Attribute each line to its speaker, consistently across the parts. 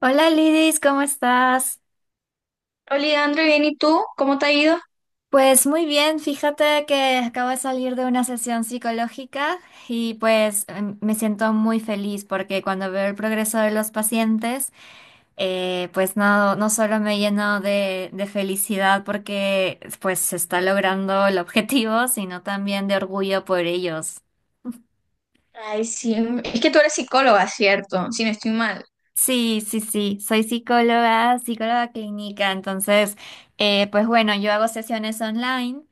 Speaker 1: Hola Lidis, ¿cómo estás?
Speaker 2: Hola, Leandro, bien, ¿y tú? ¿Cómo te ha ido?
Speaker 1: Pues muy bien, fíjate que acabo de salir de una sesión psicológica y pues me siento muy feliz porque cuando veo el progreso de los pacientes, pues no solo me lleno de felicidad porque pues se está logrando el objetivo, sino también de orgullo por ellos.
Speaker 2: Ay, sí, es que tú eres psicóloga, ¿cierto? Si no estoy mal.
Speaker 1: Sí, sí, sí, soy psicóloga, psicóloga clínica, entonces, pues bueno, yo hago sesiones online.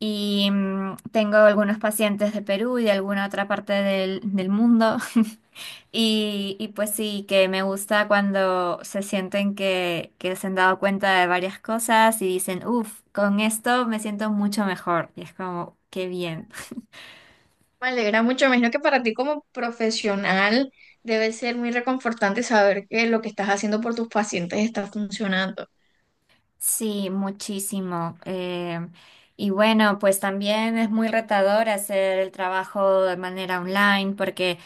Speaker 1: Y tengo algunos pacientes de Perú y de alguna otra parte del mundo. Y, y pues sí, que me gusta cuando se sienten que se han dado cuenta de varias cosas y dicen, uff, con esto me siento mucho mejor. Y es como, qué bien.
Speaker 2: Me alegra mucho, me imagino que para ti como profesional debe ser muy reconfortante saber que lo que estás haciendo por tus pacientes está funcionando.
Speaker 1: Sí, muchísimo. Y bueno, pues también es muy retador hacer el trabajo de manera online porque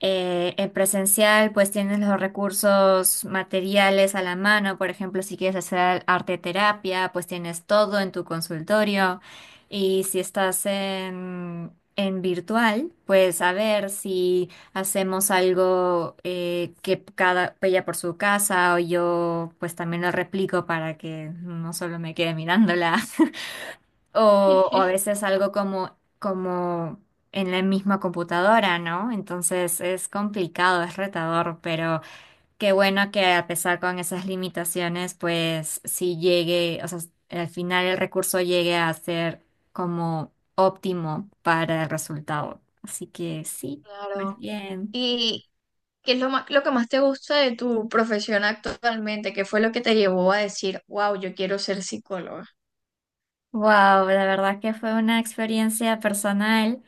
Speaker 1: en presencial pues tienes los recursos materiales a la mano. Por ejemplo, si quieres hacer arte terapia, pues tienes todo en tu consultorio. Y si estás en virtual, pues a ver si... Hacemos algo que cada ella por su casa o yo pues también lo replico para que no solo me quede mirándola. O, o a veces algo como, como en la misma computadora, ¿no? Entonces es complicado, es retador, pero qué bueno que a pesar con esas limitaciones, pues si llegue, o sea, al final el recurso llegue a ser como óptimo para el resultado. Así que sí, pues
Speaker 2: Claro.
Speaker 1: bien.
Speaker 2: ¿Y qué es lo más, lo que más te gusta de tu profesión actualmente? ¿Qué fue lo que te llevó a decir, wow, yo quiero ser psicóloga?
Speaker 1: Wow, la verdad que fue una experiencia personal.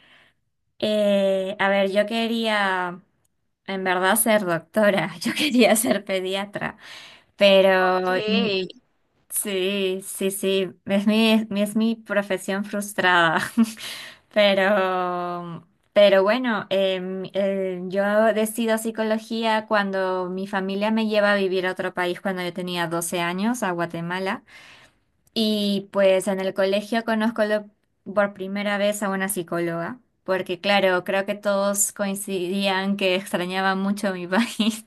Speaker 1: A ver, yo quería en verdad ser doctora, yo quería ser pediatra, pero
Speaker 2: Ok,
Speaker 1: mi, sí, sí, sí, es mi, es mi profesión frustrada. Pero, pero bueno, yo decido psicología cuando mi familia me lleva a vivir a otro país cuando yo tenía 12 años, a Guatemala. Y pues en el colegio conozco por primera vez a una psicóloga, porque claro, creo que todos coincidían que extrañaba mucho mi país.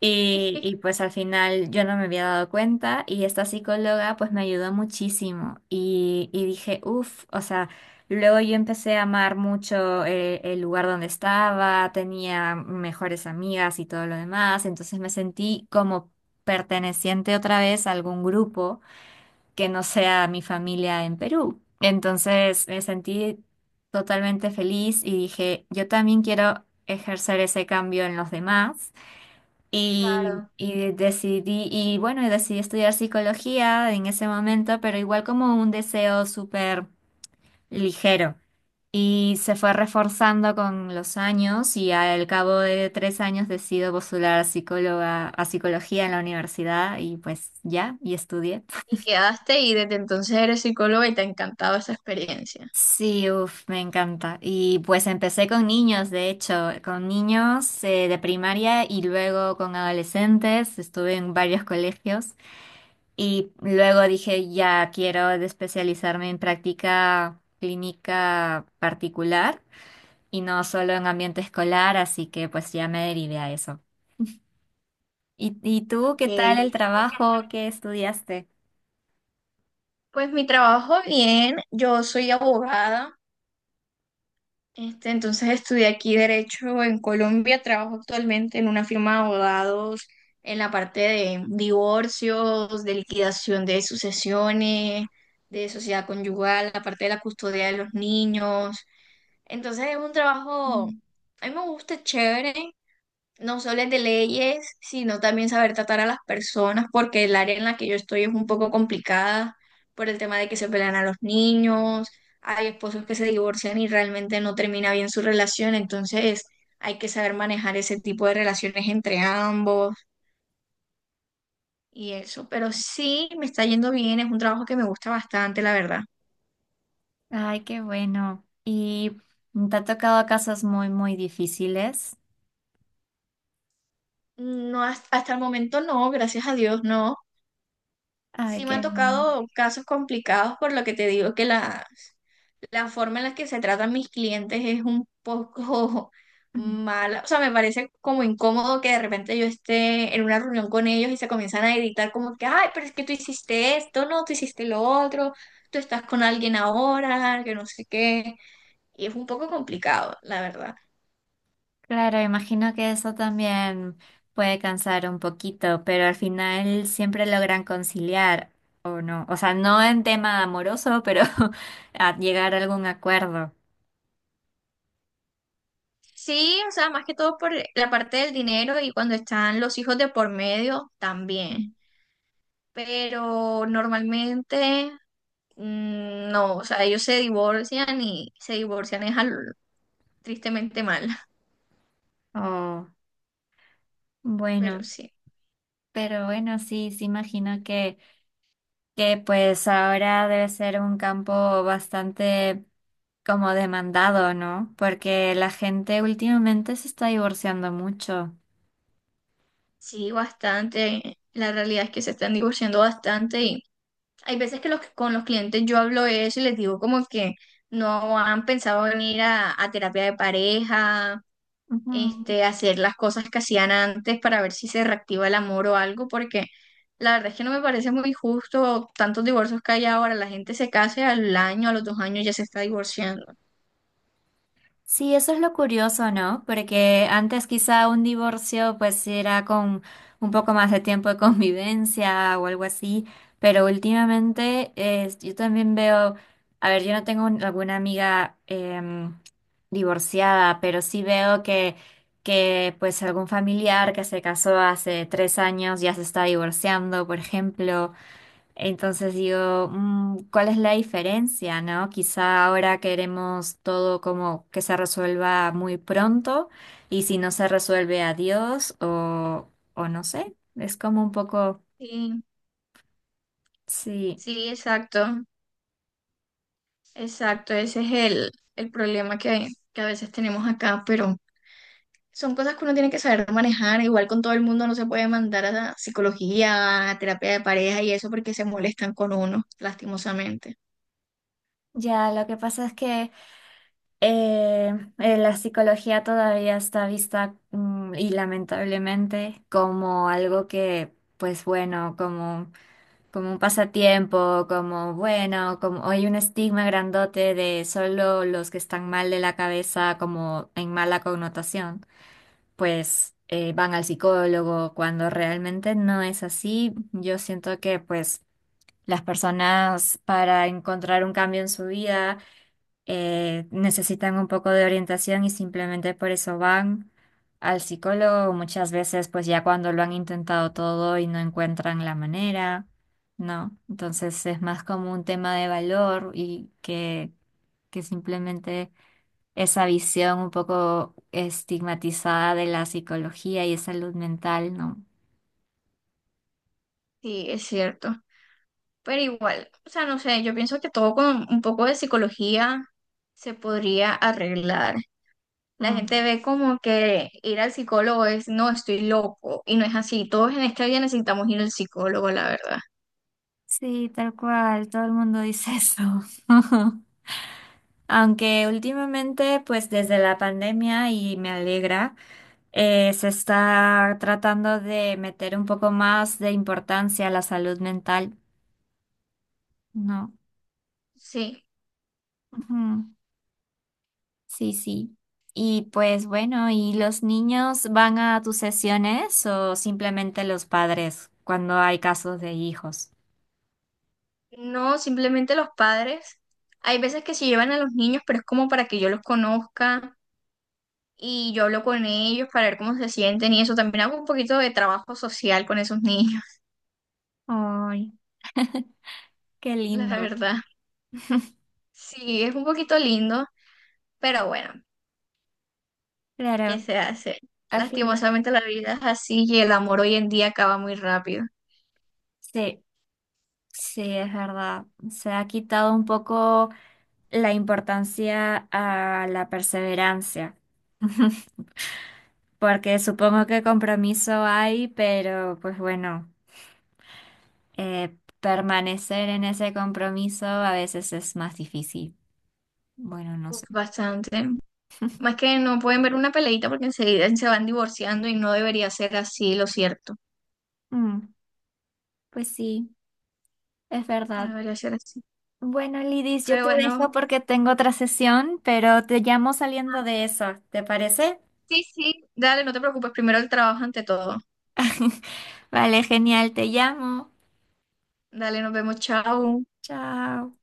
Speaker 1: Y pues al final yo no me había dado cuenta y esta psicóloga pues me ayudó muchísimo y dije, uff, o sea, luego yo empecé a amar mucho el lugar donde estaba, tenía mejores amigas y todo lo demás, entonces me sentí como perteneciente otra vez a algún grupo que no sea mi familia en Perú. Entonces me sentí totalmente feliz y dije, yo también quiero ejercer ese cambio en los demás.
Speaker 2: claro.
Speaker 1: Y decidí, y bueno, y decidí estudiar psicología en ese momento, pero igual como un deseo súper ligero. Y se fue reforzando con los años y al cabo de 3 años decido postular a psicóloga, a psicología en la universidad y pues ya, y estudié.
Speaker 2: Y quedaste y desde entonces eres psicóloga y te ha encantado esa experiencia.
Speaker 1: Sí, uff, me encanta. Y pues empecé con niños, de hecho, con niños de primaria y luego con adolescentes. Estuve en varios colegios y luego dije, ya quiero especializarme en práctica clínica particular y no solo en ambiente escolar, así que pues ya me derivé a eso. Y tú
Speaker 2: Ok.
Speaker 1: qué tal el trabajo? ¿Que estudiaste?
Speaker 2: Pues mi trabajo bien, yo soy abogada, este, entonces estudié aquí Derecho en Colombia, trabajo actualmente en una firma de abogados en la parte de divorcios, de liquidación de sucesiones, de sociedad conyugal, la parte de la custodia de los niños. Entonces es un trabajo,
Speaker 1: Mm.
Speaker 2: a mí me gusta, es chévere, no solo de leyes, sino también saber tratar a las personas, porque el área en la que yo estoy es un poco complicada por el tema de que se pelean a los niños, hay esposos que se divorcian y realmente no termina bien su relación, entonces hay que saber manejar ese tipo de relaciones entre ambos y eso, pero sí me está yendo bien, es un trabajo que me gusta bastante, la verdad.
Speaker 1: Ay, qué bueno. ¿Y te ha tocado casos muy, muy difíciles?
Speaker 2: No, hasta el momento no, gracias a Dios no.
Speaker 1: Ay,
Speaker 2: Sí me han
Speaker 1: qué bien.
Speaker 2: tocado casos complicados por lo que te digo que las la forma en la que se tratan mis clientes es un poco
Speaker 1: Mm.
Speaker 2: mala. O sea, me parece como incómodo que de repente yo esté en una reunión con ellos y se comienzan a gritar como que, ay, pero es que tú hiciste esto, no, tú hiciste lo otro, tú estás con alguien ahora, que no sé qué. Y es un poco complicado, la verdad.
Speaker 1: Claro, imagino que eso también puede cansar un poquito, pero al final siempre logran conciliar, ¿o no? O sea, no en tema amoroso, pero a llegar a algún acuerdo.
Speaker 2: Sí, o sea, más que todo por la parte del dinero y cuando están los hijos de por medio también.
Speaker 1: Mm.
Speaker 2: Pero normalmente mm, no, o sea, ellos se divorcian y se divorcian es tristemente mal,
Speaker 1: Oh,
Speaker 2: pero
Speaker 1: bueno,
Speaker 2: sí,
Speaker 1: pero bueno, sí, sí imagino que pues ahora debe ser un campo bastante como demandado, ¿no? Porque la gente últimamente se está divorciando mucho.
Speaker 2: sí, bastante. La realidad es que se están divorciando bastante y hay veces que con los clientes yo hablo de eso y les digo como que no han pensado venir a terapia de pareja, este, hacer las cosas que hacían antes para ver si se reactiva el amor o algo, porque la verdad es que no me parece muy justo tantos divorcios que hay ahora. La gente se casa y al año, a los dos años ya se está divorciando.
Speaker 1: Sí, eso es lo curioso, ¿no? Porque antes quizá un divorcio pues era con un poco más de tiempo de convivencia o algo así, pero últimamente yo también veo, a ver, yo no tengo alguna amiga divorciada, pero sí veo que pues algún familiar que se casó hace 3 años ya se está divorciando, por ejemplo, entonces digo, mm, ¿cuál es la diferencia, no? Quizá ahora queremos todo como que se resuelva muy pronto y si no se resuelve, adiós o no sé. Es como un poco,
Speaker 2: Sí.
Speaker 1: sí.
Speaker 2: Sí, exacto, exacto. Ese es el problema que a veces tenemos acá, pero son cosas que uno tiene que saber manejar. Igual con todo el mundo no se puede mandar a la psicología, a terapia de pareja y eso porque se molestan con uno, lastimosamente.
Speaker 1: Ya, lo que pasa es que eh, la psicología todavía está vista mm, y lamentablemente como algo que, pues bueno, como como un pasatiempo, como bueno, como hay un estigma grandote de solo los que están mal de la cabeza, como en mala connotación, pues van al psicólogo, cuando realmente no es así. Yo siento que pues las personas para encontrar un cambio en su vida necesitan un poco de orientación y simplemente por eso van al psicólogo. Muchas veces, pues ya cuando lo han intentado todo y no encuentran la manera, ¿no? Entonces es más como un tema de valor y que simplemente esa visión un poco estigmatizada de la psicología y salud mental, ¿no?
Speaker 2: Sí, es cierto. Pero igual, o sea, no sé, yo pienso que todo con un poco de psicología se podría arreglar. La gente
Speaker 1: Mm.
Speaker 2: ve como que ir al psicólogo es, no, estoy loco, y no es así. Todos en esta vida necesitamos ir al psicólogo, la verdad.
Speaker 1: Sí, tal cual, todo el mundo dice eso. Aunque últimamente, pues desde la pandemia, y me alegra, se está tratando de meter un poco más de importancia a la salud mental, ¿no?
Speaker 2: Sí.
Speaker 1: Ujú. Sí, sí. Y pues bueno, ¿y los niños van a tus sesiones o simplemente los padres cuando hay casos de hijos?
Speaker 2: No, simplemente los padres. Hay veces que se llevan a los niños, pero es como para que yo los conozca y yo hablo con ellos para ver cómo se sienten y eso. También hago un poquito de trabajo social con esos niños,
Speaker 1: Ay, qué
Speaker 2: la
Speaker 1: lindo.
Speaker 2: verdad. Sí, es un poquito lindo, pero bueno, ¿qué
Speaker 1: Claro,
Speaker 2: se hace?
Speaker 1: al final,
Speaker 2: Lastimosamente la vida es así y el amor hoy en día acaba muy rápido.
Speaker 1: sí, sí, es verdad. Se ha quitado un poco la importancia a la perseverancia, porque supongo que compromiso hay, pero pues bueno, permanecer en ese compromiso a veces es más difícil. Bueno, no sé.
Speaker 2: Uf, bastante. Más que no pueden ver una peleita porque enseguida se van divorciando y no debería ser así, lo cierto.
Speaker 1: Mm, pues sí, es
Speaker 2: No
Speaker 1: verdad.
Speaker 2: debería ser así.
Speaker 1: Bueno, Lidis, yo
Speaker 2: Pero
Speaker 1: te dejo
Speaker 2: bueno,
Speaker 1: porque tengo otra sesión, pero te llamo saliendo de eso, ¿te parece?
Speaker 2: sí, sí, dale, no te preocupes, primero el trabajo ante todo.
Speaker 1: Vale, genial, te llamo.
Speaker 2: Dale, nos vemos, chao.
Speaker 1: Chao.